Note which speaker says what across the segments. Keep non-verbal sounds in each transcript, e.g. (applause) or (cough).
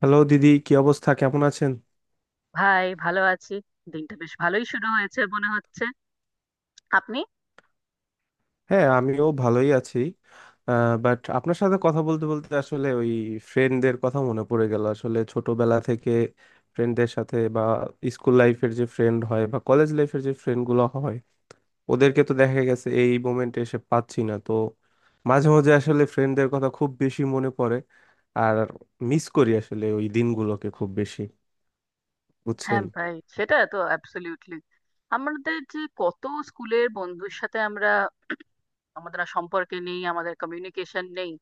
Speaker 1: Hello দিদি, কি অবস্থা, কেমন আছেন?
Speaker 2: ভাই ভালো আছি। দিনটা বেশ ভালোই শুরু হয়েছে মনে হচ্ছে। আপনি?
Speaker 1: হ্যাঁ, আমিও ভালোই আছি। বাট আপনার সাথে কথা বলতে বলতে আসলে ওই ফ্রেন্ডদের কথা মনে পড়ে গেল। আসলে ছোটবেলা থেকে ফ্রেন্ডদের সাথে বা স্কুল লাইফের যে ফ্রেন্ড হয় বা কলেজ লাইফের যে ফ্রেন্ডগুলো হয় ওদেরকে তো দেখা গেছে, এই মোমেন্টে এসে পাচ্ছি না তো। মাঝে মাঝে আসলে ফ্রেন্ডদের কথা খুব বেশি মনে পড়ে আর মিস করি আসলে ওই দিনগুলোকে খুব বেশি।
Speaker 2: হ্যাঁ
Speaker 1: বুঝছেন?
Speaker 2: ভাই, সেটা তো অ্যাবসলিউটলি। আমাদের যে কত স্কুলের বন্ধুর সাথে আমরা, আমাদের আর সম্পর্কে নেই, আমাদের কমিউনিকেশন নেই।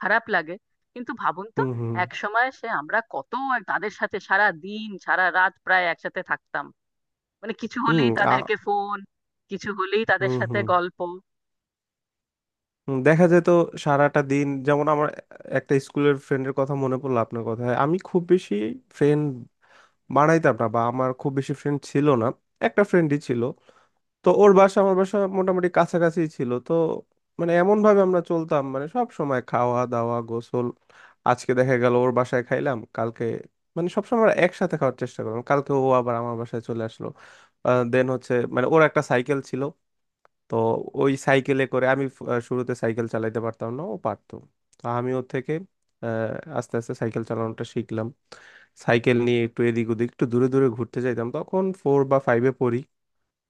Speaker 2: খারাপ লাগে কিন্তু। ভাবুন তো,
Speaker 1: হুম হুম।
Speaker 2: এক সময় সে আমরা কত আর তাদের সাথে সারা দিন সারা রাত প্রায় একসাথে থাকতাম। মানে কিছু
Speaker 1: হুম।
Speaker 2: হলেই
Speaker 1: আ
Speaker 2: তাদেরকে ফোন, কিছু হলেই তাদের
Speaker 1: হুম
Speaker 2: সাথে
Speaker 1: হুম।
Speaker 2: গল্প।
Speaker 1: হুম, দেখা যায় তো। সারাটা দিন যেমন আমার একটা স্কুলের ফ্রেন্ডের কথা মনে পড়লো। আপনার কথায় আমি খুব বেশি ফ্রেন্ড বানাইতাম না বা আমার খুব বেশি ফ্রেন্ড ছিল না, একটা ফ্রেন্ডই ছিল। তো ওর বাসা আমার বাসা মোটামুটি কাছাকাছি ছিল। তো মানে এমন ভাবে আমরা চলতাম মানে সব সময় খাওয়া দাওয়া গোসল, আজকে দেখা গেল ওর বাসায় খাইলাম, কালকে মানে সবসময় আমরা একসাথে খাওয়ার চেষ্টা করলাম, কালকে ও আবার আমার বাসায় চলে আসলো। দেন হচ্ছে মানে ওর একটা সাইকেল ছিল। তো ওই সাইকেলে করে আমি ফ- আহ শুরুতে সাইকেল চালাইতে পারতাম না, ও পারতো। তো আমি ওর থেকে আহ, আস্তে আস্তে সাইকেল চালানোটা শিখলাম। সাইকেল নিয়ে একটু এদিক ওদিক একটু দূরে দূরে ঘুরতে যাইতাম। তখন ফোর বা ফাইভে পড়ি।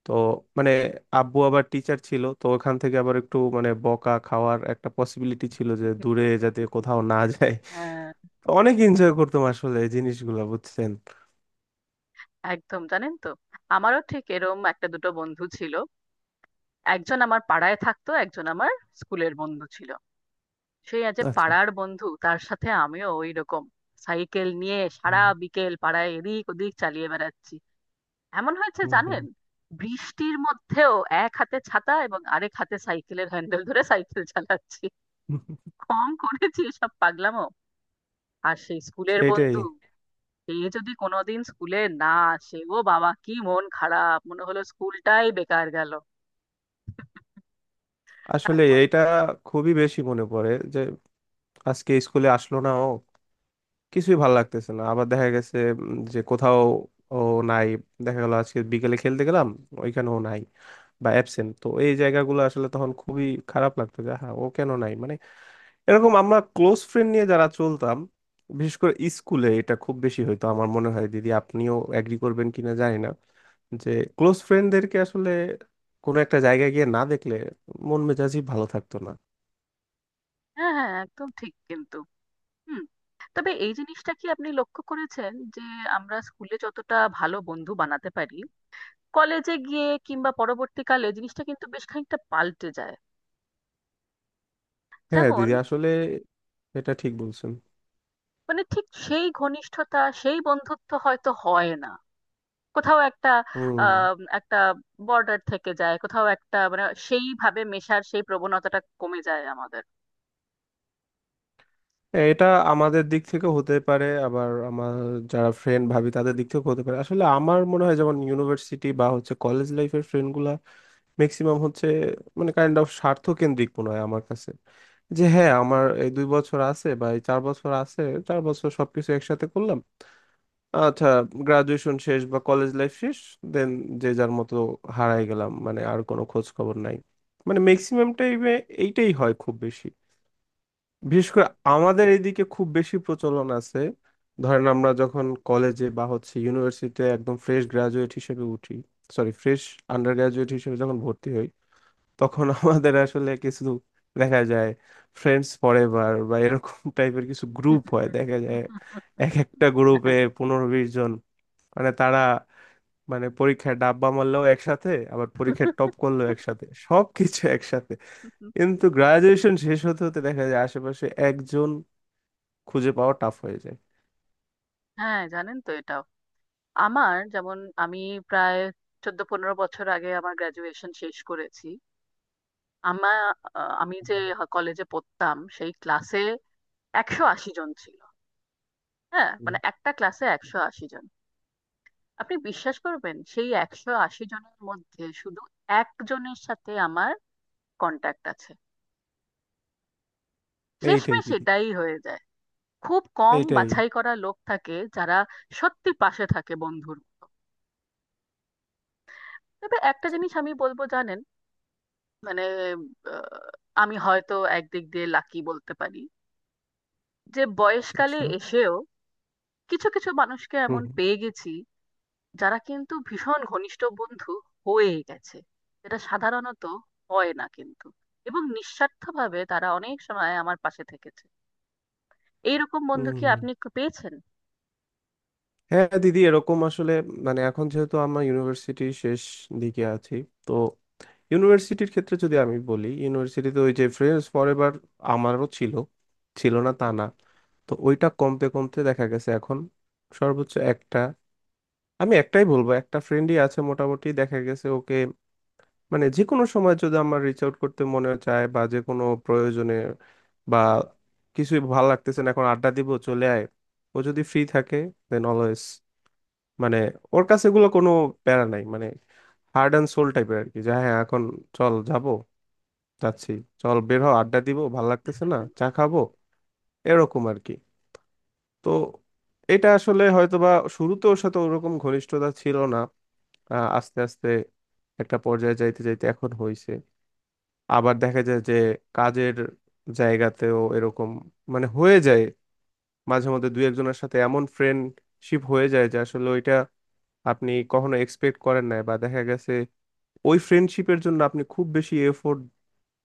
Speaker 1: তো মানে আব্বু আবার টিচার ছিল, তো ওখান থেকে আবার একটু মানে বকা খাওয়ার একটা পসিবিলিটি ছিল যে দূরে যাতে কোথাও না
Speaker 2: (laughs)
Speaker 1: যায়।
Speaker 2: হ্যাঁ,
Speaker 1: তো অনেক এনজয় করতাম আসলে এই জিনিসগুলো। বুঝছেন?
Speaker 2: একদম। জানেন তো, আমারও ঠিক এরম একটা দুটো বন্ধু ছিল। একজন আমার পাড়ায় থাকতো, একজন আমার স্কুলের বন্ধু ছিল। সেই আজ
Speaker 1: আচ্ছা।
Speaker 2: পাড়ার বন্ধু, তার সাথে আমিও ওই রকম সাইকেল নিয়ে সারা
Speaker 1: হুম
Speaker 2: বিকেল পাড়ায় এদিক ওদিক চালিয়ে বেড়াচ্ছি। এমন হয়েছে
Speaker 1: হুম। হুম।
Speaker 2: জানেন, বৃষ্টির মধ্যেও এক হাতে ছাতা এবং আরেক হাতে সাইকেলের হ্যান্ডেল ধরে সাইকেল চালাচ্ছি।
Speaker 1: (laughs)
Speaker 2: কম করেছি এসব পাগলামো। আর সেই স্কুলের
Speaker 1: সেটাই।
Speaker 2: বন্ধু, সে যদি কোনোদিন স্কুলে না আসে, ও বাবা কি মন খারাপ, মনে হলো স্কুলটাই বেকার গেল।
Speaker 1: আসলে
Speaker 2: তারপর
Speaker 1: এটা খুবই বেশি মনে পড়ে যে আজকে স্কুলে আসলো না ও, কিছুই ভালো লাগতেছে না। আবার দেখা গেছে যে কোথাও ও নাই, দেখা গেল আজকে বিকেলে খেলতে গেলাম, ওইখানেও নাই বা অ্যাবসেন্ট। তো এই জায়গাগুলো আসলে তখন খুবই খারাপ লাগতো যে হ্যাঁ ও কেন নাই মানে, এরকম আমরা ক্লোজ ফ্রেন্ড নিয়ে যারা চলতাম, বিশেষ করে স্কুলে এটা খুব বেশি হইতো। আমার মনে হয় দিদি আপনিও এগ্রি করবেন কিনা জানি না যে ক্লোজ ফ্রেন্ডদেরকে আসলে কোনো একটা জায়গায় গিয়ে না দেখলে মন মেজাজই ভালো থাকতো না।
Speaker 2: হ্যাঁ হ্যাঁ একদম ঠিক কিন্তু। হুম। তবে এই জিনিসটা কি আপনি লক্ষ্য করেছেন যে আমরা স্কুলে যতটা ভালো বন্ধু বানাতে পারি, কলেজে গিয়ে কিংবা পরবর্তীকালে জিনিসটা কিন্তু বেশ খানিকটা পাল্টে যায়।
Speaker 1: হ্যাঁ
Speaker 2: যেমন
Speaker 1: দিদি, আসলে এটা ঠিক বলছেন।
Speaker 2: মানে, ঠিক সেই ঘনিষ্ঠতা সেই বন্ধুত্ব হয়তো হয় না। কোথাও একটা
Speaker 1: হুম।
Speaker 2: একটা বর্ডার থেকে যায়, কোথাও একটা মানে সেইভাবে মেশার সেই প্রবণতাটা কমে যায় আমাদের।
Speaker 1: এটা আমাদের দিক থেকে হতে পারে আবার আমার যারা ফ্রেন্ড ভাবি তাদের দিক থেকে হতে পারে। আসলে আমার মনে হয় যেমন ইউনিভার্সিটি বা হচ্ছে কলেজ লাইফের ফ্রেন্ডগুলা ম্যাক্সিমাম হচ্ছে মানে কাইন্ড অফ স্বার্থকেন্দ্রিক মনে হয় আমার কাছে। যে হ্যাঁ আমার এই 2 বছর আছে বা এই 4 বছর আছে, 4 বছর সবকিছু একসাথে করলাম। আচ্ছা, গ্রাজুয়েশন শেষ বা কলেজ লাইফ শেষ, দেন যে যার মতো হারাই গেলাম, মানে আর কোনো খোঁজ খবর নাই। মানে ম্যাক্সিমামটাই এইটাই হয় খুব বেশি, বিশেষ করে আমাদের এইদিকে খুব বেশি প্রচলন আছে। ধরেন আমরা যখন কলেজে বা হচ্ছে ইউনিভার্সিটিতে একদম ফ্রেশ গ্রাজুয়েট হিসেবে উঠি, সরি ফ্রেশ আন্ডার গ্রাজুয়েট হিসেবে যখন ভর্তি হই, তখন (laughs) আমাদের আসলে কিছু দেখা যায় ফ্রেন্ডস ফরএভার বা এরকম (laughs) টাইপের কিছু গ্রুপ হয় দেখা যায়। এক
Speaker 2: (laughs)
Speaker 1: একটা গ্রুপে 15-20 জন। মানে তারা মানে পরীক্ষায় ডাব্বা মারলেও একসাথে আবার পরীক্ষায় টপ করলেও একসাথে, সব কিছু একসাথে। কিন্তু গ্রাজুয়েশন শেষ হতে হতে দেখা যায় আশেপাশে একজন খুঁজে পাওয়া টাফ হয়ে যায়।
Speaker 2: হ্যাঁ, জানেন তো, এটা আমার যেমন, আমি প্রায় 14-15 বছর আগে আমার গ্রাজুয়েশন শেষ করেছি। আমার, আমি যে কলেজে পড়তাম সেই ক্লাসে 180 জন ছিল। হ্যাঁ
Speaker 1: হুম,
Speaker 2: মানে, একটা ক্লাসে 180 জন। আপনি বিশ্বাস করবেন, সেই 180 জনের মধ্যে শুধু একজনের সাথে আমার কন্ট্যাক্ট আছে।
Speaker 1: এইটাই
Speaker 2: শেষমেশ
Speaker 1: দিদি।
Speaker 2: এটাই হয়ে যায়। খুব কম
Speaker 1: এইটাই।
Speaker 2: বাছাই করা লোক থাকে যারা সত্যি পাশে থাকে বন্ধুর মতো। তবে একটা জিনিস আমি বলবো জানেন, মানে আহ, আমি হয়তো একদিক দিয়ে লাকি বলতে পারি, যে বয়সকালে
Speaker 1: আচ্ছা।
Speaker 2: এসেও কিছু কিছু মানুষকে
Speaker 1: হুম
Speaker 2: এমন
Speaker 1: হুম।
Speaker 2: পেয়ে গেছি যারা কিন্তু ভীষণ ঘনিষ্ঠ বন্ধু হয়ে গেছে, যেটা সাধারণত হয় না কিন্তু। এবং নিঃস্বার্থভাবে তারা অনেক সময় আমার পাশে থেকেছে। এইরকম
Speaker 1: হুম,
Speaker 2: বন্ধু কি
Speaker 1: হুম।
Speaker 2: আপনি পেয়েছেন?
Speaker 1: হ্যাঁ দিদি, এরকম আসলে মানে এখন যেহেতু আমরা ইউনিভার্সিটি শেষ দিকে আছি, তো ইউনিভার্সিটির ক্ষেত্রে যদি আমি বলি ইউনিভার্সিটিতে ওই যে ফ্রেন্ডস ফরএভার আমারও ছিল, ছিল না তা না। তো ওইটা কমতে কমতে দেখা গেছে এখন সর্বোচ্চ একটা, আমি একটাই বলবো, একটা ফ্রেন্ডই আছে মোটামুটি, দেখা গেছে ওকে মানে যে কোনো সময় যদি আমার রিচ আউট করতে মনে চায় বা যে কোনো প্রয়োজনে বা কিছুই ভালো লাগতেছে না এখন আড্ডা দিব চলে আয়, ও যদি ফ্রি থাকে দেন অলওয়েজ, মানে ওর কাছে এগুলো কোনো প্যারা নাই। মানে হার্ড অ্যান্ড সোল টাইপের আর কি, যে হ্যাঁ এখন চল যাব, যাচ্ছি, চল বের হও আড্ডা দিব, ভাল লাগতেছে না চা
Speaker 2: (laughs)
Speaker 1: খাবো, এরকম আর কি। তো এটা আসলে হয়তোবা শুরুতে ওর সাথে ওরকম ঘনিষ্ঠতা ছিল না, আস্তে আস্তে একটা পর্যায়ে যাইতে যাইতে এখন হইছে। আবার দেখা যায় যে কাজের জায়গাতেও এরকম মানে হয়ে যায়, মাঝে মধ্যে দুই একজনের সাথে এমন ফ্রেন্ডশিপ হয়ে যায় যে আসলে ওইটা আপনি কখনো এক্সপেক্ট করেন নাই, বা দেখা গেছে ওই ফ্রেন্ডশিপের জন্য আপনি খুব বেশি এফোর্ট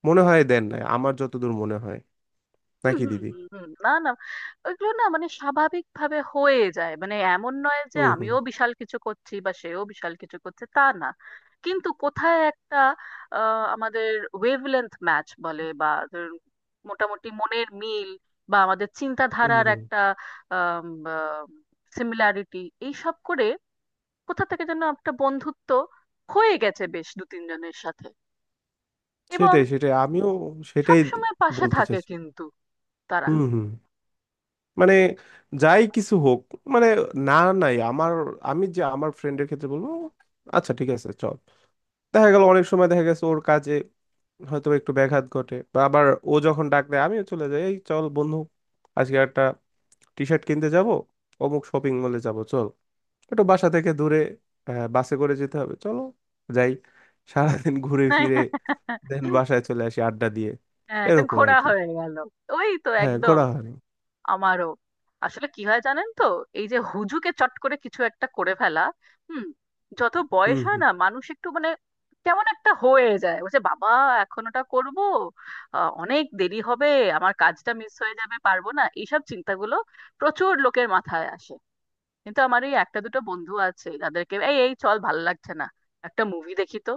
Speaker 1: মনে হয় দেন নাই, আমার যতদূর মনে হয়।
Speaker 2: হুম
Speaker 1: নাকি
Speaker 2: হুম
Speaker 1: দিদি?
Speaker 2: হুম হুম। না না, ওইগুলো না, মানে স্বাভাবিক ভাবে হয়ে যায়। মানে এমন নয় যে
Speaker 1: হুম হুম
Speaker 2: আমিও বিশাল কিছু করছি বা সেও বিশাল কিছু করছে, তা না। কিন্তু কোথায় একটা আমাদের ওয়েভলেন্থ ম্যাচ বলে বা ধরুন মোটামুটি মনের মিল বা আমাদের
Speaker 1: হুম
Speaker 2: চিন্তাধারার
Speaker 1: হুম।
Speaker 2: একটা সিমিলারিটি, এইসব করে কোথা থেকে যেন একটা বন্ধুত্ব হয়ে গেছে বেশ দু তিনজনের সাথে। এবং
Speaker 1: সেটাই, সেটাই আমিও
Speaker 2: সব
Speaker 1: সেটাই
Speaker 2: সময় পাশে
Speaker 1: বলতে
Speaker 2: থাকে
Speaker 1: চাচ্ছি।
Speaker 2: কিন্তু তারা।
Speaker 1: হুম হুম। মানে যাই কিছু হোক মানে, না নাই। আমি যে আমার ফ্রেন্ডের ক্ষেত্রে বলবো, আচ্ছা ঠিক আছে চল, দেখা গেল অনেক সময় দেখা গেছে ওর কাজে হয়তো একটু ব্যাঘাত ঘটে বা আবার ও যখন ডাক দেয় আমিও চলে যাই, এই চল বন্ধু, আজকে একটা টি শার্ট কিনতে যাব, অমুক শপিং মলে যাব চল, একটু বাসা থেকে দূরে, বাসে করে যেতে হবে চলো যাই। সারাদিন ঘুরে ফিরে দেন
Speaker 2: (laughs)
Speaker 1: বাসায় চলে আসি আড্ডা দিয়ে,
Speaker 2: হ্যাঁ, একটা
Speaker 1: এরকম আর
Speaker 2: ঘোড়া
Speaker 1: কি।
Speaker 2: হয়ে গেল। ওই তো,
Speaker 1: হ্যাঁ
Speaker 2: একদম।
Speaker 1: ঘোরা হয়।
Speaker 2: আমারও আসলে কি হয় জানেন তো, এই যে হুজুকে চট করে কিছু একটা করে ফেলা। হুম, যত বয়স
Speaker 1: হুম
Speaker 2: হয়
Speaker 1: হুম,
Speaker 2: না, মানুষ একটু মানে কেমন একটা হয়ে যায়, বলছে বাবা এখন ওটা করবো, অনেক দেরি হবে, আমার কাজটা মিস হয়ে যাবে, পারবো না, এইসব চিন্তাগুলো প্রচুর লোকের মাথায় আসে। কিন্তু আমার এই একটা দুটো বন্ধু আছে যাদেরকে এই, চল ভালো লাগছে না, একটা মুভি দেখি তো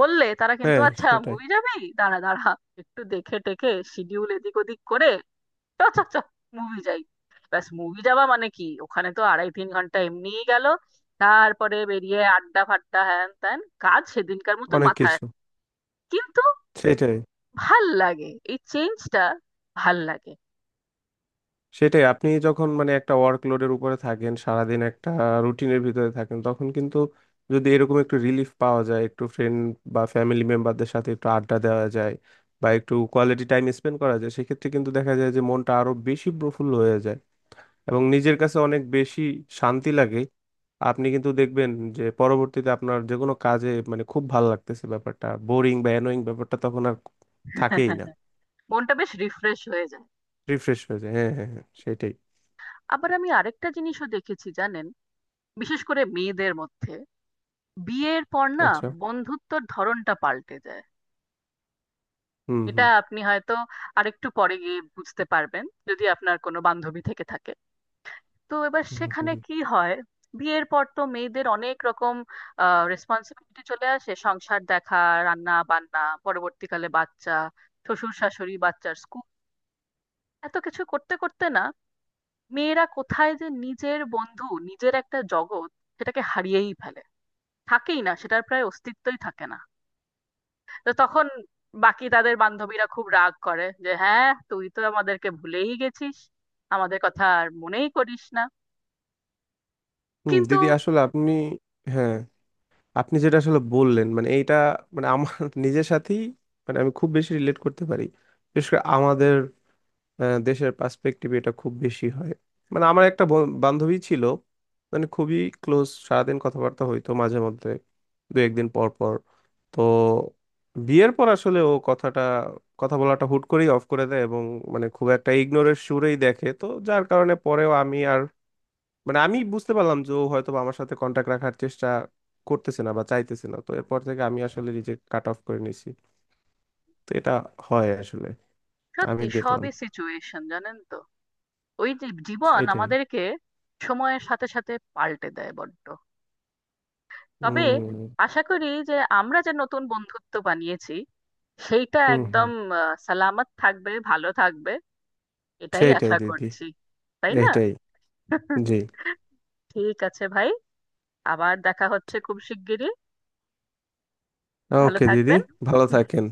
Speaker 2: বললে, তারা কিন্তু
Speaker 1: হ্যাঁ,
Speaker 2: আচ্ছা
Speaker 1: সেটাই।
Speaker 2: মুভি যাবি, দাঁড়া দাঁড়া একটু দেখে টেকে শিডিউল এদিক ওদিক করে চ চ চ মুভি যাই। ব্যাস, মুভি যাওয়া মানে কি, ওখানে তো 2.5-3 ঘন্টা এমনিই গেল। তারপরে বেরিয়ে আড্ডা ফাড্ডা হ্যান ত্যান, কাজ সেদিনকার মতো
Speaker 1: অনেক
Speaker 2: মাথায়।
Speaker 1: কিছু।
Speaker 2: কিন্তু
Speaker 1: সেটাই।
Speaker 2: ভাল লাগে এই চেঞ্জটা, ভাল লাগে।
Speaker 1: সেটাই, আপনি যখন মানে একটা ওয়ার্কলোডের উপরে থাকেন সারাদিন একটা রুটিনের ভিতরে থাকেন তখন কিন্তু যদি এরকম একটু রিলিফ পাওয়া যায়, একটু ফ্রেন্ড বা ফ্যামিলি মেম্বারদের সাথে একটু আড্ডা দেওয়া যায় বা একটু কোয়ালিটি টাইম স্পেন্ড করা যায় সেক্ষেত্রে কিন্তু দেখা যায় যে মনটা আরো বেশি প্রফুল্ল হয়ে যায় এবং নিজের কাছে অনেক বেশি শান্তি লাগে। আপনি কিন্তু দেখবেন যে পরবর্তীতে আপনার যে কোনো কাজে মানে খুব ভালো লাগতেছে, ব্যাপারটা বোরিং বা অ্যানোয়িং ব্যাপারটা তখন আর থাকেই না।
Speaker 2: (laughs) মনটা বেশ রিফ্রেশ হয়ে যায়।
Speaker 1: রিফ্রেশ হয়ে যায়, হ্যাঁ হ্যাঁ হ্যাঁ, সেটাই।
Speaker 2: আবার আমি আরেকটা জিনিসও দেখেছি জানেন, বিশেষ করে মেয়েদের মধ্যে, বিয়ের পর না
Speaker 1: আচ্ছা।
Speaker 2: বন্ধুত্বর ধরনটা পাল্টে যায়।
Speaker 1: হুম
Speaker 2: এটা
Speaker 1: হুম।
Speaker 2: আপনি হয়তো আরেকটু পরে গিয়ে বুঝতে পারবেন, যদি আপনার কোনো বান্ধবী থেকে থাকে। তো এবার
Speaker 1: হুম
Speaker 2: সেখানে
Speaker 1: হুম।
Speaker 2: কি হয়, বিয়ের পর তো মেয়েদের অনেক রকম রেসপন্সিবিলিটি চলে আসে, সংসার দেখা, রান্না বান্না, পরবর্তীকালে বাচ্চা, শ্বশুর শাশুড়ি, বাচ্চার স্কুল, এত কিছু করতে করতে না, মেয়েরা কোথায় যে নিজের বন্ধু নিজের একটা জগৎ সেটাকে হারিয়েই ফেলে, থাকেই না, সেটার প্রায় অস্তিত্বই থাকে না। তো তখন বাকি তাদের বান্ধবীরা খুব রাগ করে যে হ্যাঁ তুই তো আমাদেরকে ভুলেই গেছিস, আমাদের কথা আর মনেই করিস না।
Speaker 1: হুম
Speaker 2: কিন্তু
Speaker 1: দিদি, আসলে আপনি, হ্যাঁ, আপনি যেটা আসলে বললেন মানে এইটা মানে আমার (laughs) নিজের সাথেই মানে আমি খুব বেশি রিলেট করতে পারি। বিশেষ করে আমাদের দেশের পার্সপেক্টিভ এটা খুব বেশি হয়। মানে আমার একটা বান্ধবী ছিল, মানে খুবই ক্লোজ, সারাদিন কথাবার্তা হইতো, মাঝে মধ্যে দু একদিন পর পর। তো বিয়ের পর আসলে ও কথা বলাটা হুট করেই অফ করে দেয় এবং মানে খুব একটা ইগনোরের সুরেই দেখে। তো যার কারণে পরেও আমি আর, মানে আমি বুঝতে পারলাম যে ও হয়তো বা আমার সাথে কন্টাক্ট রাখার চেষ্টা করতেছে না বা চাইতেছে না, তো এরপর থেকে আমি আসলে নিজে কাট অফ করে নিছি। তো এটা হয় আসলে, আমি
Speaker 2: সত্যি,
Speaker 1: দেখলাম।
Speaker 2: সবই সিচুয়েশন, জানেন তো, ওই যে জীবন
Speaker 1: সেটাই।
Speaker 2: আমাদেরকে সময়ের সাথে সাথে পাল্টে দেয় বড্ড। তবে
Speaker 1: হুম
Speaker 2: আশা করি যে আমরা যে নতুন বন্ধুত্ব বানিয়েছি সেইটা
Speaker 1: হুম।
Speaker 2: একদম
Speaker 1: হুম।
Speaker 2: সালামত থাকবে, ভালো থাকবে, এটাই
Speaker 1: সেইটাই
Speaker 2: আশা
Speaker 1: দিদি।
Speaker 2: করছি। তাই না?
Speaker 1: এইটাই।
Speaker 2: (laughs)
Speaker 1: জি।
Speaker 2: ঠিক আছে ভাই, আবার দেখা হচ্ছে খুব শিগগিরই। ভালো
Speaker 1: ওকে দিদি।
Speaker 2: থাকবেন।
Speaker 1: ভালো
Speaker 2: হুম।
Speaker 1: থাকেন।